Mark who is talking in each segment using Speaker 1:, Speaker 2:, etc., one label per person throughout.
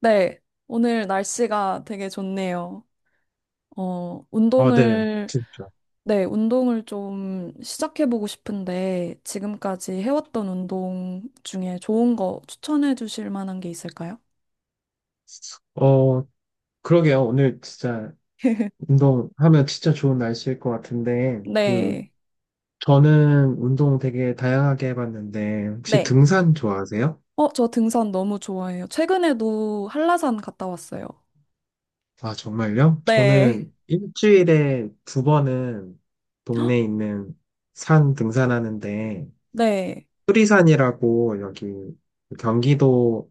Speaker 1: 네, 오늘 날씨가 되게 좋네요.
Speaker 2: 어, 네,
Speaker 1: 운동을,
Speaker 2: 진짜.
Speaker 1: 네, 운동을 좀 시작해보고 싶은데, 지금까지 해왔던 운동 중에 좋은 거 추천해 주실 만한 게 있을까요?
Speaker 2: 어, 그러게요. 오늘 진짜 운동하면 진짜 좋은 날씨일 것 같은데, 그,
Speaker 1: 네,
Speaker 2: 저는 운동 되게 다양하게 해봤는데, 혹시
Speaker 1: 네.
Speaker 2: 등산 좋아하세요?
Speaker 1: 저 등산 너무 좋아해요. 최근에도 한라산 갔다 왔어요.
Speaker 2: 아, 정말요?
Speaker 1: 네,
Speaker 2: 저는 일주일에 2번은 동네에 있는 산 등산하는데,
Speaker 1: 네,
Speaker 2: 수리산이라고 여기 경기도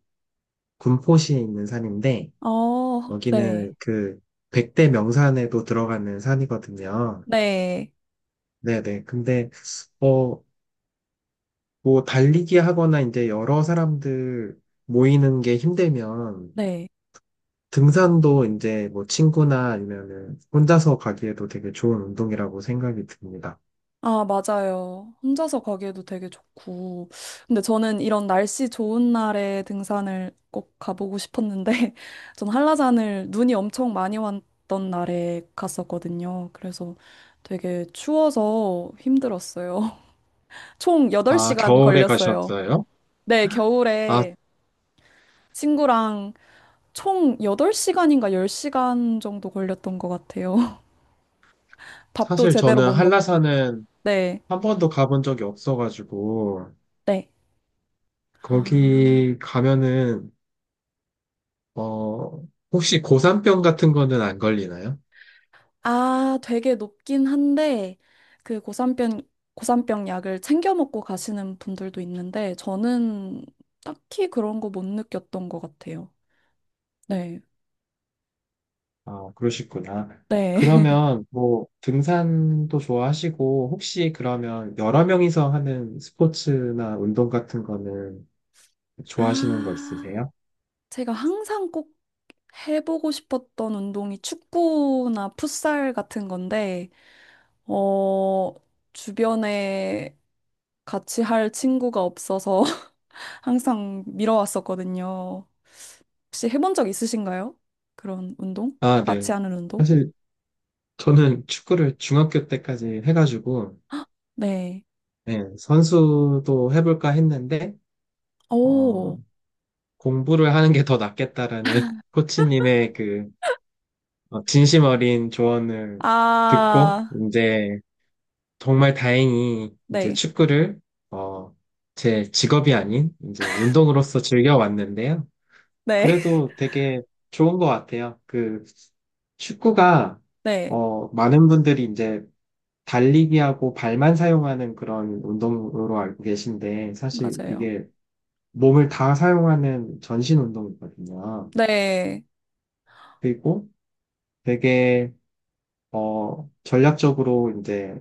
Speaker 2: 군포시에 있는 산인데,
Speaker 1: 어, 네,
Speaker 2: 여기는 그 백대 명산에도 들어가는 산이거든요.
Speaker 1: 네,
Speaker 2: 네네. 근데, 어, 뭐, 달리기 하거나 이제 여러 사람들 모이는 게 힘들면
Speaker 1: 네.
Speaker 2: 등산도 이제 뭐 친구나 아니면은 혼자서 가기에도 되게 좋은 운동이라고 생각이 듭니다.
Speaker 1: 아, 맞아요. 혼자서 가기에도 되게 좋고. 근데 저는 이런 날씨 좋은 날에 등산을 꼭 가보고 싶었는데, 전 한라산을 눈이 엄청 많이 왔던 날에 갔었거든요. 그래서 되게 추워서 힘들었어요. 총
Speaker 2: 아,
Speaker 1: 8시간
Speaker 2: 겨울에
Speaker 1: 걸렸어요.
Speaker 2: 가셨어요?
Speaker 1: 네,
Speaker 2: 아,
Speaker 1: 겨울에 친구랑 총 8시간인가 10시간 정도 걸렸던 것 같아요. 밥도
Speaker 2: 사실
Speaker 1: 제대로
Speaker 2: 저는
Speaker 1: 못 먹고.
Speaker 2: 한라산은
Speaker 1: 네,
Speaker 2: 한 번도 가본 적이 없어가지고,
Speaker 1: 네. 아.
Speaker 2: 거기 가면은, 어, 혹시 고산병 같은 거는 안 걸리나요?
Speaker 1: 아, 되게 높긴 한데, 그 고산병, 고산병 약을 챙겨 먹고 가시는 분들도 있는데, 저는 딱히 그런 거 못 느꼈던 것 같아요. 네.
Speaker 2: 아, 그러시구나.
Speaker 1: 네.
Speaker 2: 그러면 뭐 등산도 좋아하시고 혹시 그러면 여러 명이서 하는 스포츠나 운동 같은 거는 좋아하시는 거
Speaker 1: 아,
Speaker 2: 있으세요?
Speaker 1: 제가 항상 꼭 해보고 싶었던 운동이 축구나 풋살 같은 건데, 어, 주변에 같이 할 친구가 없어서 항상 미뤄왔었거든요. 혹시 해본 적 있으신가요? 그런 운동? 다
Speaker 2: 아,
Speaker 1: 같이
Speaker 2: 네.
Speaker 1: 하는 운동?
Speaker 2: 사실 저는 축구를 중학교 때까지 해가지고
Speaker 1: 네.
Speaker 2: 네, 선수도 해볼까 했는데
Speaker 1: 오,
Speaker 2: 어, 공부를 하는 게 더 낫겠다라는 코치님의 그 어, 진심 어린 조언을 듣고
Speaker 1: 아,
Speaker 2: 이제 정말 다행히 이제
Speaker 1: 네,
Speaker 2: 축구를 어, 제 직업이 아닌 이제 운동으로서 즐겨왔는데요.
Speaker 1: 네,
Speaker 2: 그래도 되게 좋은 것 같아요. 그 축구가
Speaker 1: 네,
Speaker 2: 어, 많은 분들이 이제 달리기하고 발만 사용하는 그런 운동으로 알고 계신데 사실
Speaker 1: 맞아요.
Speaker 2: 이게 몸을 다 사용하는 전신 운동이거든요.
Speaker 1: 네,
Speaker 2: 그리고 되게 어, 전략적으로 이제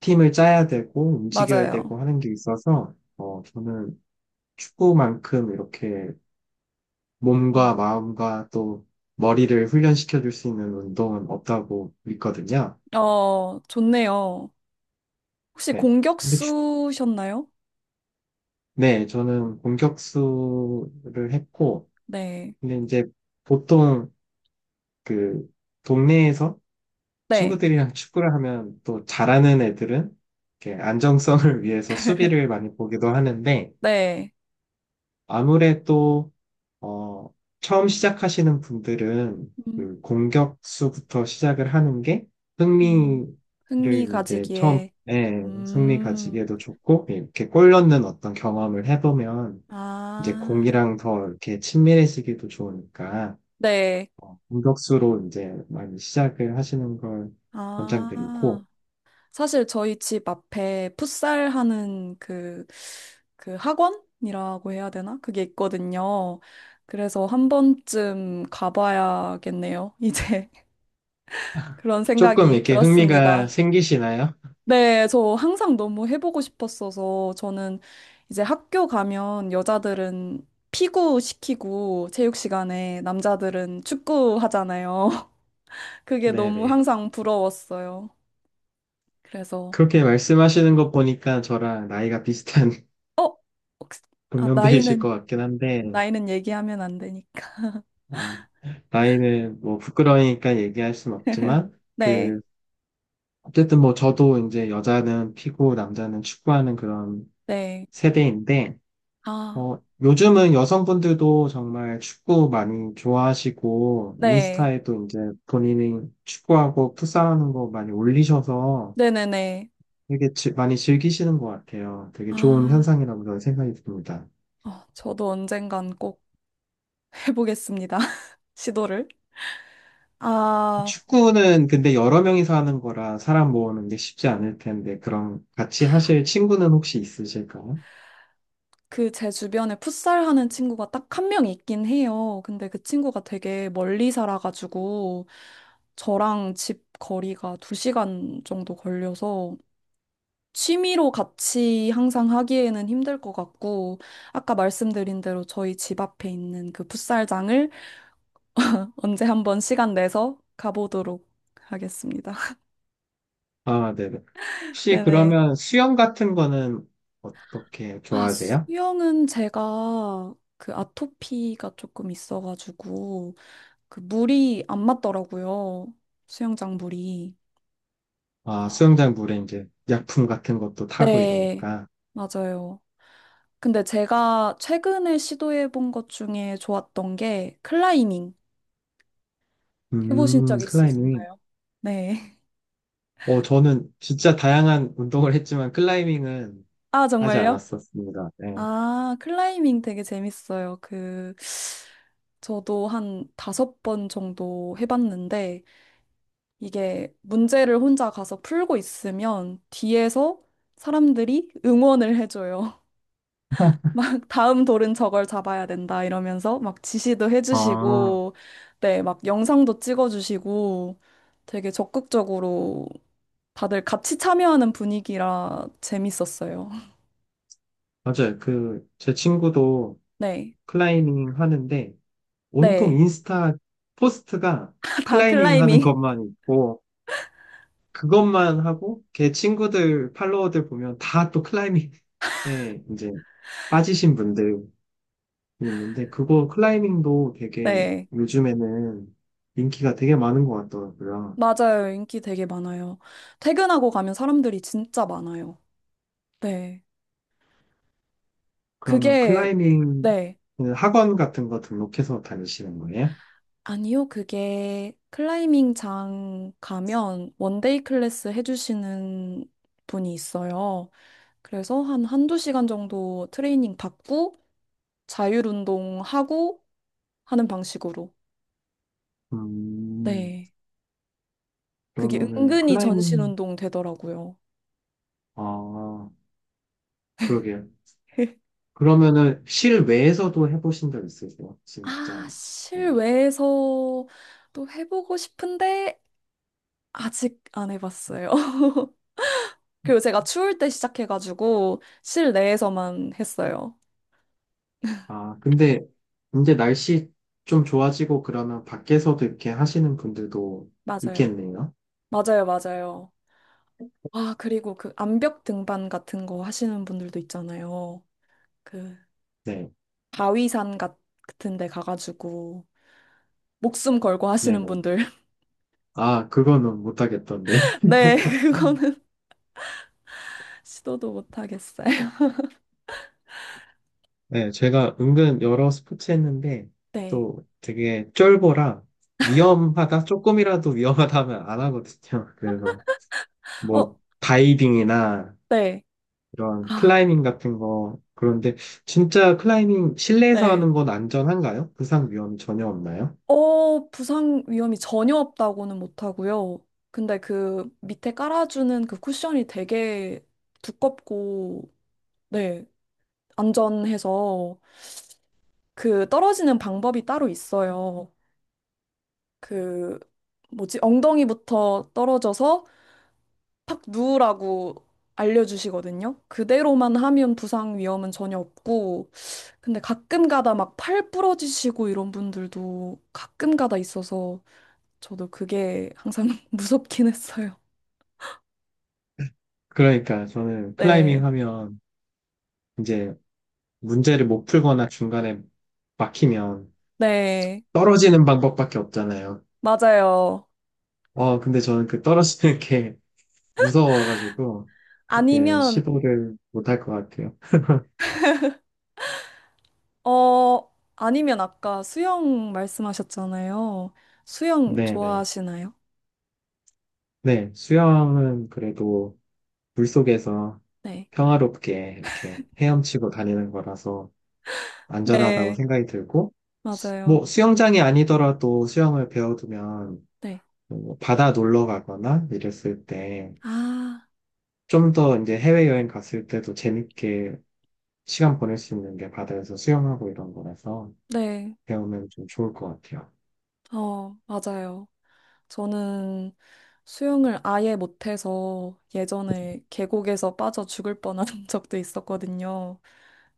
Speaker 2: 팀을 짜야 되고 움직여야
Speaker 1: 맞아요.
Speaker 2: 되고 하는 게 있어서 어, 저는 축구만큼 이렇게
Speaker 1: 음.
Speaker 2: 몸과 마음과 또 머리를 훈련시켜 줄 수 있는 운동은 없다고 믿거든요.
Speaker 1: 어, 좋네요. 혹시
Speaker 2: 네. 근데
Speaker 1: 공격수셨나요?
Speaker 2: 네, 저는 공격수를 했고,
Speaker 1: 네,
Speaker 2: 근데 이제 보통 그 동네에서
Speaker 1: 네,
Speaker 2: 친구들이랑 축구를 하면 또 잘하는 애들은 이렇게 안정성을 위해서 수비를 많이 보기도 하는데,
Speaker 1: 네.
Speaker 2: 아무래도 어, 처음 시작하시는 분들은
Speaker 1: 음,
Speaker 2: 그 공격수부터 시작을 하는 게
Speaker 1: 음, 흥미
Speaker 2: 승리를 이제 처음,
Speaker 1: 가지기에.
Speaker 2: 예, 승리
Speaker 1: 음,
Speaker 2: 가지기에도 좋고, 이렇게 골 넣는 어떤 경험을 해보면 이제
Speaker 1: 아,
Speaker 2: 공이랑 더 이렇게 친밀해지기도 좋으니까,
Speaker 1: 네,
Speaker 2: 어, 공격수로 이제 많이 시작을 하시는 걸 권장드리고,
Speaker 1: 아. 사실 저희 집 앞에 풋살 하는 그, 그 학원이라고 해야 되나? 그게 있거든요. 그래서 한 번쯤 가봐야겠네요. 이제 그런
Speaker 2: 조금
Speaker 1: 생각이
Speaker 2: 이렇게 흥미가
Speaker 1: 들었습니다.
Speaker 2: 생기시나요?
Speaker 1: 네, 저 항상 너무 해보고 싶었어서 저는 이제 학교 가면 여자들은 피구 시키고 체육 시간에 남자들은 축구 하잖아요. 그게 너무
Speaker 2: 네네.
Speaker 1: 항상 부러웠어요. 그래서,
Speaker 2: 그렇게 말씀하시는 거 보니까 저랑 나이가 비슷한
Speaker 1: 어? 혹시- 아,
Speaker 2: 동년배이실
Speaker 1: 나이는
Speaker 2: 것 같긴 한데,
Speaker 1: 나이는 얘기하면 안 되니까.
Speaker 2: 아, 나이는 뭐 부끄러우니까 얘기할 순 없지만,
Speaker 1: 네,
Speaker 2: 그, 어쨌든 뭐 저도 이제 여자는 피고 남자는 축구하는 그런
Speaker 1: 네.
Speaker 2: 세대인데,
Speaker 1: 아,
Speaker 2: 어, 요즘은 여성분들도 정말 축구 많이 좋아하시고,
Speaker 1: 네.
Speaker 2: 인스타에도 이제 본인이 축구하고 풋살하는 거 많이 올리셔서
Speaker 1: 네네네.
Speaker 2: 되게 많이 즐기시는 것 같아요. 되게 좋은
Speaker 1: 아,
Speaker 2: 현상이라고 저는 생각이 듭니다.
Speaker 1: 어, 저도 언젠간 꼭 해보겠습니다. 시도를. 아,
Speaker 2: 축구는 근데 여러 명이서 하는 거라 사람 모으는 게 쉽지 않을 텐데, 그럼 같이 하실 친구는 혹시 있으실까요?
Speaker 1: 그 제 주변에 풋살 하는 친구가 딱 한 명 있긴 해요. 근데 그 친구가 되게 멀리 살아가지고 저랑 집 거리가 두시간 정도 걸려서 취미로 같이 항상 하기에는 힘들 것 같고 아까 말씀드린 대로 저희 집 앞에 있는 그 풋살장을 언제 한번 시간 내서 가보도록 하겠습니다.
Speaker 2: 아, 네네. 혹시
Speaker 1: 네네.
Speaker 2: 그러면 수영 같은 거는 어떻게
Speaker 1: 아,
Speaker 2: 좋아하세요?
Speaker 1: 수영은 제가 그 아토피가 조금 있어가지고 그 물이 안 맞더라고요. 수영장 물이.
Speaker 2: 아,
Speaker 1: 어,
Speaker 2: 수영장 물에 이제 약품 같은 것도 타고
Speaker 1: 네,
Speaker 2: 이러니까.
Speaker 1: 맞아요. 근데 제가 최근에 시도해본 것 중에 좋았던 게 클라이밍. 해보신 적
Speaker 2: 클라이밍.
Speaker 1: 있으신가요? 네.
Speaker 2: 어, 저는 진짜 다양한 운동을 했지만 클라이밍은
Speaker 1: 아,
Speaker 2: 하지
Speaker 1: 정말요?
Speaker 2: 않았었습니다. 네.
Speaker 1: 아, 클라이밍 되게 재밌어요. 그, 저도 한 다섯 번 정도 해봤는데, 이게 문제를 혼자 가서 풀고 있으면 뒤에서 사람들이 응원을 해줘요. 막 다음 돌은 저걸 잡아야 된다 이러면서 막 지시도
Speaker 2: 아,
Speaker 1: 해주시고, 네, 막 영상도 찍어주시고, 되게 적극적으로 다들 같이 참여하는 분위기라 재밌었어요.
Speaker 2: 맞아요. 그, 제 친구도
Speaker 1: 네,
Speaker 2: 클라이밍 하는데, 온통
Speaker 1: 네,
Speaker 2: 인스타 포스트가
Speaker 1: 다
Speaker 2: 클라이밍 하는
Speaker 1: 클라이밍.
Speaker 2: 것만 있고, 그것만 하고, 걔 친구들, 팔로워들 보면 다 또 클라이밍에 이제 빠지신 분들이 있는데, 그거 클라이밍도 되게
Speaker 1: 네.
Speaker 2: 요즘에는 인기가 되게 많은 것 같더라고요.
Speaker 1: 맞아요. 인기 되게 많아요. 퇴근하고 가면 사람들이 진짜 많아요. 네.
Speaker 2: 그러면
Speaker 1: 그게,
Speaker 2: 클라이밍
Speaker 1: 네.
Speaker 2: 그 학원 같은 거 등록해서 다니시는 거예요?
Speaker 1: 아니요. 그게 클라이밍 장 가면 원데이 클래스 해주시는 분이 있어요. 그래서 한 한두 시간 정도 트레이닝 받고 자율 운동하고 하는 방식으로.
Speaker 2: 음,
Speaker 1: 네. 그게
Speaker 2: 그러면은
Speaker 1: 은근히 전신
Speaker 2: 클라이밍,
Speaker 1: 운동 되더라고요.
Speaker 2: 아, 그러게요. 그러면은 실외에서도 해보신 적 있으세요?
Speaker 1: 아,
Speaker 2: 진짜. 어.
Speaker 1: 실외에서 또 해보고 싶은데 아직 안 해봤어요. 그리고 제가 추울 때 시작해가지고 실내에서만 했어요.
Speaker 2: 아, 근데 이제 날씨 좀 좋아지고 그러면 밖에서도 이렇게 하시는 분들도
Speaker 1: 맞아요.
Speaker 2: 있겠네요.
Speaker 1: 맞아요, 맞아요. 아, 그리고 그 암벽 등반 같은 거 하시는 분들도 있잖아요. 그
Speaker 2: 네,
Speaker 1: 바위산 같- 같은 데 가가지고 목숨 걸고
Speaker 2: 네,
Speaker 1: 하시는
Speaker 2: 네.
Speaker 1: 분들.
Speaker 2: 아, 그거는 못하겠던데.
Speaker 1: 네, 그거는 시도도 못 하겠어요.
Speaker 2: 네, 제가 은근 여러 스포츠 했는데
Speaker 1: 네.
Speaker 2: 또 되게 쫄보라 위험하다, 조금이라도 위험하다 하면 안 하거든요. 그래서
Speaker 1: 어,
Speaker 2: 뭐 다이빙이나
Speaker 1: 네.
Speaker 2: 이런
Speaker 1: 아,
Speaker 2: 클라이밍 같은 거. 그런데 진짜 클라이밍 실내에서
Speaker 1: 네.
Speaker 2: 하는 건 안전한가요? 부상 위험이 전혀 없나요?
Speaker 1: 어, 부상 위험이 전혀 없다고는 못하고요. 근데 그 밑에 깔아주는 그 쿠션이 되게 두껍고, 네, 안전해서 그 떨어지는 방법이 따로 있어요. 그, 뭐지, 엉덩이부터 떨어져서 탁 누우라고 알려주시거든요. 그대로만 하면 부상 위험은 전혀 없고, 근데 가끔 가다 막 팔 부러지시고 이런 분들도 가끔 가다 있어서 저도 그게 항상 무섭긴 했어요.
Speaker 2: 그러니까 저는
Speaker 1: 네.
Speaker 2: 클라이밍 하면 이제 문제를 못 풀거나 중간에 막히면
Speaker 1: 네.
Speaker 2: 떨어지는 방법밖에 없잖아요.
Speaker 1: 맞아요.
Speaker 2: 어, 근데 저는 그 떨어지는 게 무서워가지고 이렇게
Speaker 1: 아니면,
Speaker 2: 시도를 못 할 것 같아요.
Speaker 1: 아니면 아까 수영 말씀하셨잖아요. 수영
Speaker 2: 네네.
Speaker 1: 좋아하시나요?
Speaker 2: 네, 수영은 그래도 물속에서
Speaker 1: 네.
Speaker 2: 평화롭게 이렇게 헤엄치고 다니는 거라서 안전하다고
Speaker 1: 네.
Speaker 2: 생각이 들고,
Speaker 1: 맞아요.
Speaker 2: 뭐 수영장이 아니더라도 수영을 배워두면
Speaker 1: 네.
Speaker 2: 뭐 바다 놀러 가거나 이랬을 때
Speaker 1: 아,
Speaker 2: 좀 더 이제 해외여행 갔을 때도 재밌게 시간 보낼 수 있는 게 바다에서 수영하고 이런 거라서
Speaker 1: 네.
Speaker 2: 배우면 좀 좋을 것 같아요.
Speaker 1: 어, 맞아요. 저는 수영을 아예 못해서 예전에 계곡에서 빠져 죽을 뻔한 적도 있었거든요.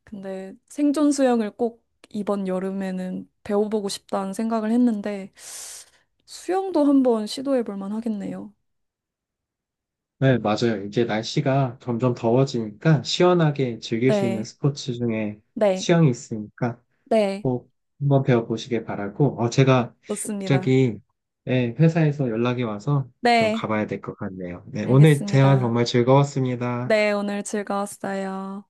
Speaker 1: 근데 생존 수영을 꼭 이번 여름에는 배워보고 싶다는 생각을 했는데 수영도 한번 시도해 볼 만하겠네요.
Speaker 2: 네, 맞아요. 이제 날씨가 점점 더워지니까 시원하게 즐길 수 있는
Speaker 1: 네,
Speaker 2: 스포츠 중에
Speaker 1: 네,
Speaker 2: 수영이 있으니까
Speaker 1: 네,
Speaker 2: 꼭 한번 배워보시길 바라고, 어, 제가
Speaker 1: 좋습니다.
Speaker 2: 갑자기, 예, 회사에서 연락이 와서 좀
Speaker 1: 네,
Speaker 2: 가봐야 될 것 같네요. 네, 오늘 대화
Speaker 1: 알겠습니다.
Speaker 2: 정말 즐거웠습니다.
Speaker 1: 네, 오늘 즐거웠어요.